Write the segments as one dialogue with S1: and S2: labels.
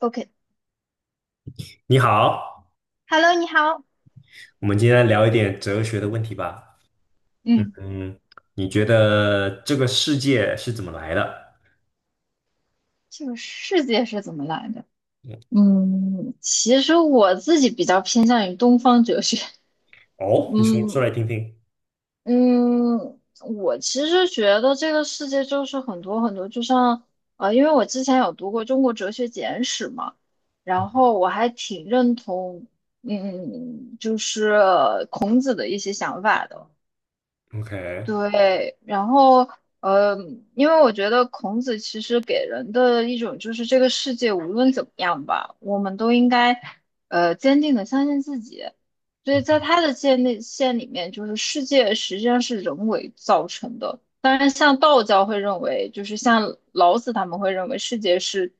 S1: OK，Hello，
S2: 你好，
S1: 你好。
S2: 我们今天聊一点哲学的问题吧。嗯
S1: 嗯，
S2: 嗯，你觉得这个世界是怎么来的？
S1: 这个世界是怎么来的？
S2: 嗯
S1: 其实我自己比较偏向于东方哲学。
S2: 哦，你说
S1: 嗯
S2: 说来听听。
S1: 嗯，我其实觉得这个世界就是很多很多，就像因为我之前有读过《中国哲学简史》嘛，
S2: 嗯
S1: 然后我还挺认同，就是孔子的一些想法的。
S2: ，OK，
S1: 对，然后呃，因为我觉得孔子其实给人的一种就是这个世界无论怎么样吧，我们都应该坚定的相信自己。所以
S2: 嗯，
S1: 在他的界内线里面，就是世界实际上是人为造成的。当然，像道教会认为，就是像老子他们会认为世界是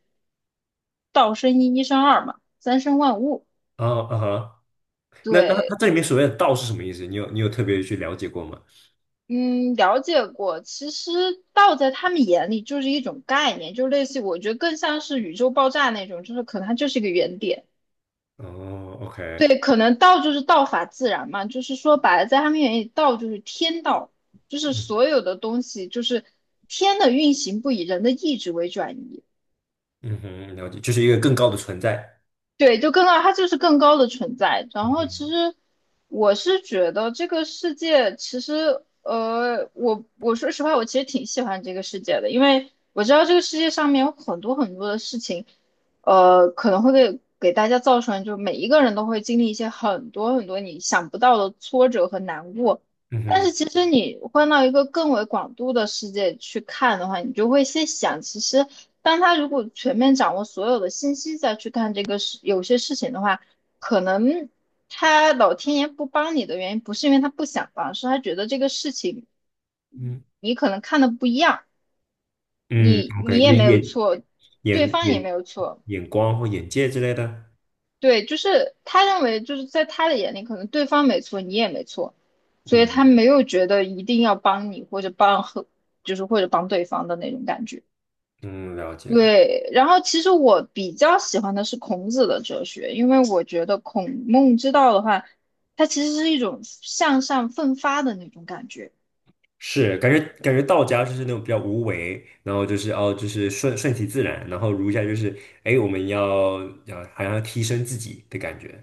S1: 道生一，一生二嘛，三生万物。
S2: 哦，啊哈，那它
S1: 对，
S2: 这里面所谓的道是什么意思？你有特别去了解过吗？
S1: 嗯，了解过。其实道在他们眼里就是一种概念，就类似于我觉得更像是宇宙爆炸那种，就是可能它就是一个原点。
S2: 哦，OK，
S1: 对，可能道就是道法自然嘛，就是说白了，在他们眼里，道就是天道，就是
S2: 嗯
S1: 所有的东西就是天的运行不以人的意志为转移。
S2: 嗯哼，了解，就是一个更高的存在。
S1: 对，就更高，它就是更高的存在。然
S2: 嗯
S1: 后其
S2: 哼，
S1: 实我是觉得这个世界，其实我说实话，我其实挺喜欢这个世界的，因为我知道这个世界上面有很多很多的事情，可能会给大家造成，就每一个人都会经历一些很多很多你想不到的挫折和难过。
S2: 嗯
S1: 但
S2: 哼，
S1: 是其实你换到一个更为广度的世界去看的话，你就会先想，其实。当他如果全面掌握所有的信息再去看这个事，有些事情的话，可能他老天爷不帮你的原因，不是因为他不想帮，是他觉得这个事情
S2: 嗯
S1: 你可能看的不一样，
S2: 嗯
S1: 你
S2: ，OK,
S1: 也
S2: 那
S1: 没有错，对
S2: 眼
S1: 方也
S2: 眼
S1: 没有错，
S2: 眼光或眼界之类的。
S1: 对，就是他认为就是在他的眼里，可能对方没错，你也没错，所以
S2: 嗯
S1: 他没有觉得一定要帮你或者帮和，就是或者帮对方的那种感觉。
S2: 嗯，了解。
S1: 对，然后其实我比较喜欢的是孔子的哲学，因为我觉得孔孟之道的话，它其实是一种向上奋发的那种感觉。
S2: 是感觉道家就是那种比较无为，然后就是哦，就是顺其自然，然后儒家就是哎，我们要好像要提升自己的感觉。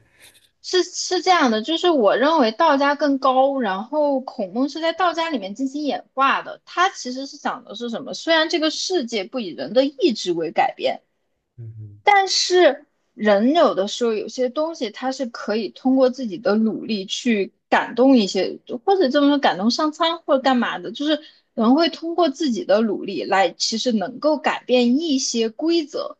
S1: 是是这样的，就是我认为道家更高，然后孔孟是在道家里面进行演化的。它其实是讲的是什么？虽然这个世界不以人的意志为改变，
S2: 嗯
S1: 但是人有的时候有些东西，他是可以通过自己的努力去感动一些，或者这么说感动上苍或者干嘛的，就是人会通过自己的努力来，其实能够改变一些规则，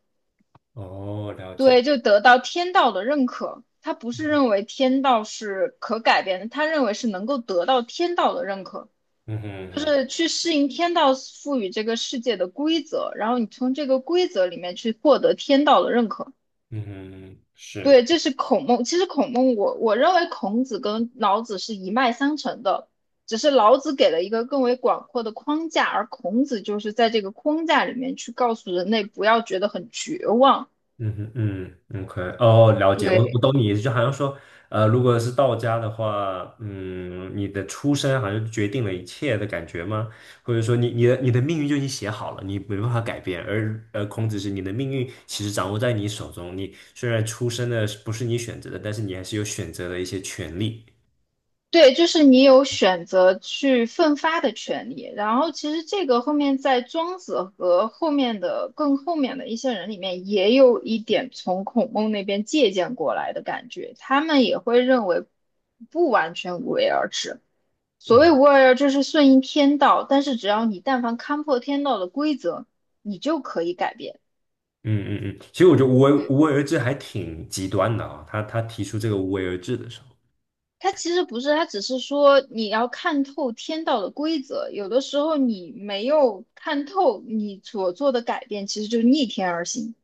S2: 哼，哦，了解。
S1: 对，就得到天道的认可。他不是认为天道是可改变的，他认为是能够得到天道的认可，
S2: 嗯哼嗯
S1: 就
S2: 哼
S1: 是去适应天道赋予这个世界的规则，然后你从这个规则里面去获得天道的认可。
S2: 嗯哼，是
S1: 对，这是孔孟。其实孔孟我认为孔子跟老子是一脉相承的，只是老子给了一个更为广阔的框架，而孔子就是在这个框架里面去告诉人类不要觉得很绝望。
S2: 嗯哼嗯，OK，哦，了解，我
S1: 对，
S2: 懂你意思，就好像说，如果是道家的话，嗯，你的出身好像决定了一切的感觉吗？或者说你的命运就已经写好了，你没办法改变，而孔子是你的命运其实掌握在你手中，你虽然出生的是不是你选择的，但是你还是有选择的一些权利。
S1: 对，就是你有选择去奋发的权利。然后其实这个后面在庄子和后面的更后面的一些人里面，也有一点从孔孟那边借鉴过来的感觉，他们也会认为不完全无为而治。所
S2: 嗯
S1: 谓无二要，这是顺应天道，但是只要你但凡看破天道的规则，你就可以改变。
S2: 嗯嗯嗯，其实我觉得无为
S1: 对，
S2: 无为而治还挺极端的啊、他提出这个无为而治的时候。
S1: 它其实不是，它只是说你要看透天道的规则，有的时候你没有看透，你所做的改变其实就是逆天而行。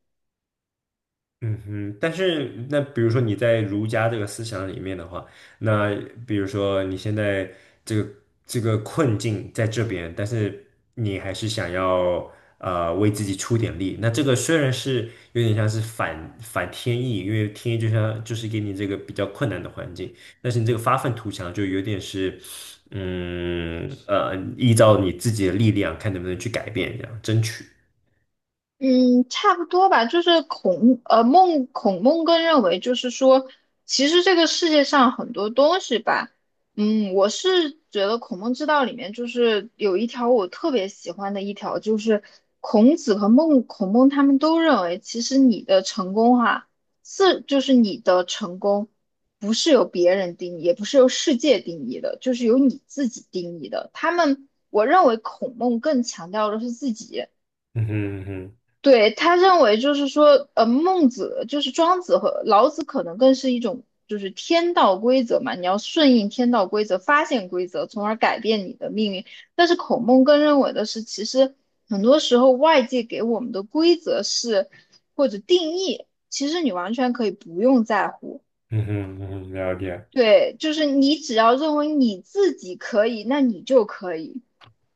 S2: 嗯哼，但是那比如说你在儒家这个思想里面的话，那比如说你现在这个这个困境在这边，但是你还是想要为自己出点力，那这个虽然是有点像是反天意，因为天意就像就是给你这个比较困难的环境，但是你这个发愤图强就有点是依照你自己的力量看能不能去改变，这样争取。
S1: 嗯，差不多吧，就是孔孟更认为，就是说，其实这个世界上很多东西吧，我是觉得《孔孟之道》里面就是有一条我特别喜欢的一条，就是孔子和孔孟他们都认为，其实你的成功哈、是就是你的成功不是由别人定义，也不是由世界定义的，就是由你自己定义的。他们我认为孔孟更强调的是自己。
S2: 嗯哼嗯哼
S1: 对，他认为就是说，孟子就是庄子和老子，可能更是一种就是天道规则嘛，你要顺应天道规则，发现规则，从而改变你的命运。但是孔孟更认为的是，其实很多时候外界给我们的规则是或者定义，其实你完全可以不用在乎。
S2: 嗯哼嗯哼，了解。
S1: 对，就是你只要认为你自己可以，那你就可以。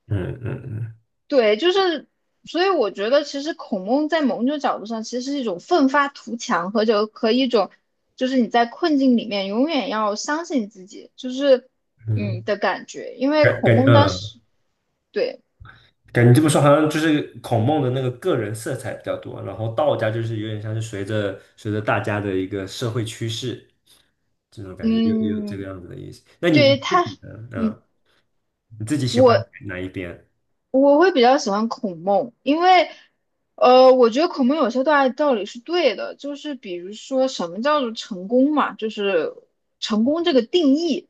S2: 嗯嗯嗯
S1: 对，就是，所以我觉得其实孔孟在某种角度上其实是一种奋发图强和就和一种，就是你在困境里面永远要相信自己，就是
S2: 嗯，
S1: 的感觉。因为
S2: 感
S1: 孔
S2: 感
S1: 孟当
S2: 嗯，
S1: 时对，
S2: 感觉这么说好像就是孔孟的那个个人色彩比较多，然后道家就是有点像是随着大家的一个社会趋势，这种感觉又有这个
S1: 嗯，
S2: 样子的意思。那你
S1: 对
S2: 自
S1: 他，
S2: 己呢？
S1: 嗯，
S2: 嗯，你自己喜欢
S1: 我
S2: 哪一边？
S1: 我会比较喜欢孔孟，因为，我觉得孔孟有些大道理是对的，就是比如说什么叫做成功嘛，就是成功这个定义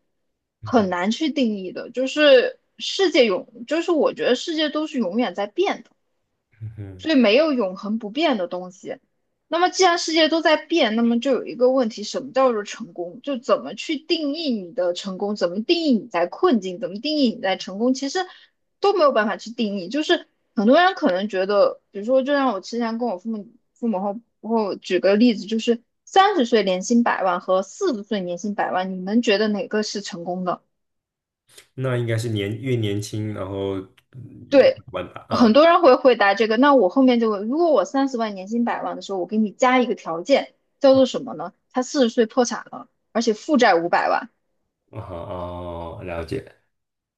S2: 嗯
S1: 很
S2: 哼
S1: 难去定义的，就是世界永，就是我觉得世界都是永远在变的。
S2: 嗯哼，
S1: 所以没有永恒不变的东西。那么既然世界都在变，那么就有一个问题，什么叫做成功？就怎么去定义你的成功？怎么定义你在困境？怎么定义你在成功？其实都没有办法去定义。就是很多人可能觉得，比如说，就像我之前跟我父母后举个例子，就是三十岁年薪百万和四十岁年薪百万，你们觉得哪个是成功的？
S2: 那应该是越年轻，然后越
S1: 对，
S2: 玩吧。
S1: 很
S2: 嗯，
S1: 多人会回答这个。那我后面就问，如果我30万年薪百万的时候，我给你加一个条件，叫做什么呢？他四十岁破产了，而且负债500万。
S2: 哦，哦，了解。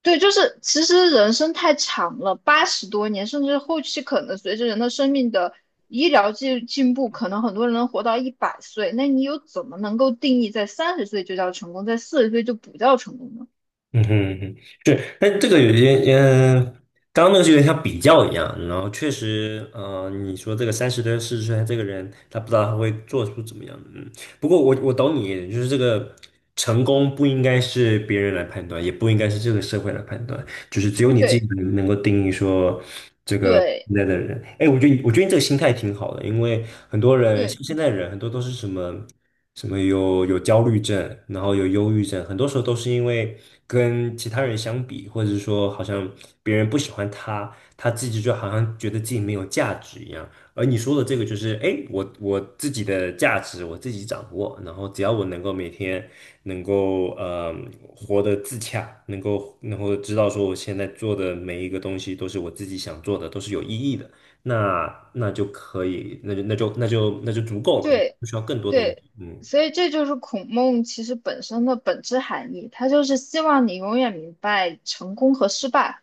S1: 对，就是其实人生太长了，80多年，甚至后期可能随着人的生命的医疗进步，可能很多人能活到100岁。那你又怎么能够定义在三十岁就叫成功，在四十岁就不叫成功呢？
S2: 嗯哼嗯哼，对，但这个有些刚刚那个是有点像比较一样，然后确实，你说这个30多40岁的这个人，他不知道他会做出怎么样，不过我懂你，就是这个成功不应该是别人来判断，也不应该是这个社会来判断，就是只有你自己
S1: 对
S2: 能够定义说这个
S1: 对
S2: 现在的人。哎，我觉得你这个心态挺好的，因为很多人
S1: 对，
S2: 像现在的人，很多都是什么有焦虑症，然后有忧郁症，很多时候都是因为跟其他人相比，或者是说好像别人不喜欢他，他自己就好像觉得自己没有价值一样。而你说的这个就是，哎，我自己的价值我自己掌握，然后只要我能够每天能够活得自洽，能够知道说我现在做的每一个东西都是我自己想做的，都是有意义的，那就可以，那就足够了，你
S1: 对
S2: 不需要更多东西。
S1: 对，
S2: 嗯
S1: 所以这就是孔孟其实本身的本质含义，他就是希望你永远明白成功和失败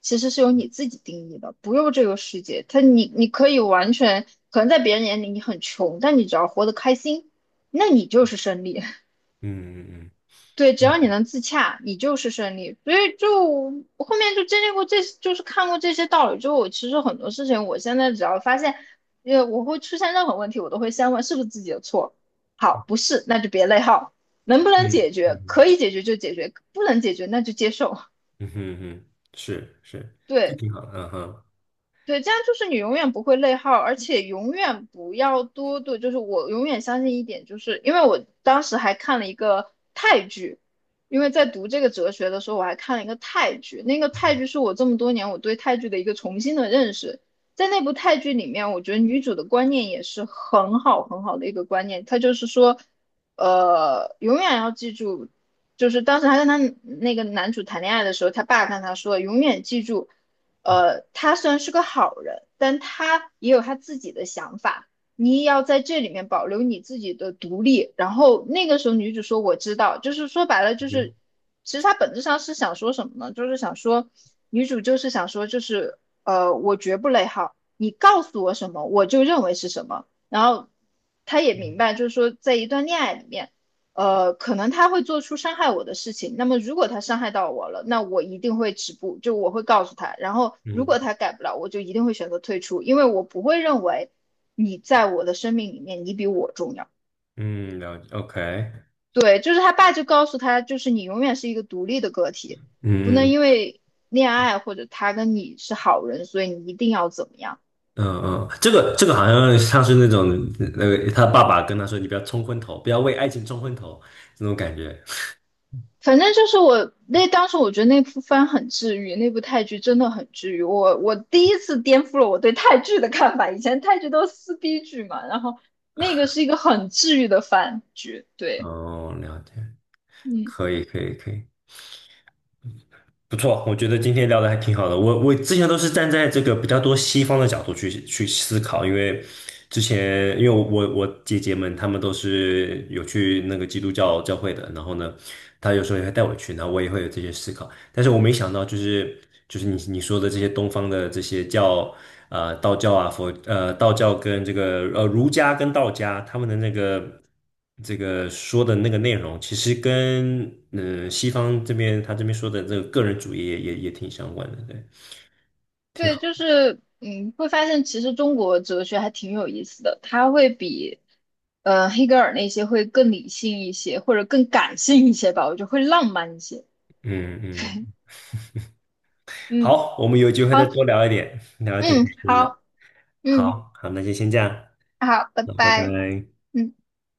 S1: 其实是由你自己定义的，不用这个世界。他你可以完全可能在别人眼里你很穷，但你只要活得开心，那你就是胜利。
S2: 嗯
S1: 对，只
S2: 嗯
S1: 要你能自洽，你就是胜利。所以就我后面就经历过这，就是看过这些道理之后，我其实很多事情，我现在只要发现，我会出现任何问题，我都会先问是不是自己的错。好，不是，那就别内耗。能不能
S2: 嗯
S1: 解
S2: 嗯
S1: 决？
S2: 嗯
S1: 可以解决就解决，不能解决那就接受。
S2: 嗯嗯嗯，是是，就
S1: 对，
S2: 挺好的，
S1: 对，这样就是你永远不会内耗，而且永远不要多对，就是我永远相信一点，就是因为我当时还看了一个泰剧，因为在读这个哲学的时候，我还看了一个泰剧，那个泰剧是我这么多年我对泰剧的一个重新的认识。在那部泰剧里面，我觉得女主的观念也是很好很好的一个观念，她就是说，永远要记住，就是当时她跟她那个男主谈恋爱的时候，她爸跟她说，永远记住。他虽然是个好人，但他也有他自己的想法。你也要在这里面保留你自己的独立。然后那个时候，女主说：“我知道。”就是说白了，
S2: 嗯
S1: 就
S2: 哼，
S1: 是其实她本质上是想说什么呢？就是想说，女主就是想说，就是我绝不内耗，你告诉我什么，我就认为是什么。然后她也明
S2: 嗯
S1: 白，就是说，在一段恋爱里面。可能他会做出伤害我的事情。那么，如果他伤害到我了，那我一定会止步，就我会告诉他。然后，如
S2: 嗯
S1: 果他改不了，我就一定会选择退出，因为我不会认为你在我的生命里面你比我重要。
S2: 嗯，了解，OK，嗯
S1: 对，就是他爸就告诉他，就是你永远是一个独立的个体，不
S2: 嗯。
S1: 能因
S2: 嗯
S1: 为恋爱或者他跟你是好人，所以你一定要怎么样。
S2: 嗯嗯，这个好像像是那个他爸爸跟他说：“你不要冲昏头，不要为爱情冲昏头。”那种感觉。
S1: 反正就是我那当时我觉得那部番很治愈，那部泰剧真的很治愈。我第一次颠覆了我对泰剧的看法，以前泰剧都是撕逼剧嘛，然后那个是一个很治愈的番剧。对，
S2: 哦，了解，
S1: 嗯，
S2: 可以可以可以，不错，我觉得今天聊的还挺好的。我之前都是站在这个比较多西方的角度去思考，因为之前因为我姐姐们她们都是有去那个基督教教会的，然后呢，她有时候也会带我去，然后我也会有这些思考。但是我没想到，就是你说的这些东方的这些教，道教啊，道教跟这个儒家跟道家他们的那个这个说的那个内容，其实跟西方这边他这边说的这个个人主义也挺相关的，对，挺
S1: 对，
S2: 好，
S1: 就是会发现其实中国哲学还挺有意思的，它会比黑格尔那些会更理性一些，或者更感性一些吧，我觉得会浪漫一些。
S2: 嗯嗯，
S1: 嗯，
S2: 好，我们有机会再
S1: 好，
S2: 多聊一点，聊得挺
S1: 嗯，
S2: 开心的，
S1: 好，嗯，
S2: 好好，那就先这样，
S1: 好，拜
S2: 那拜
S1: 拜。
S2: 拜。
S1: 嗯。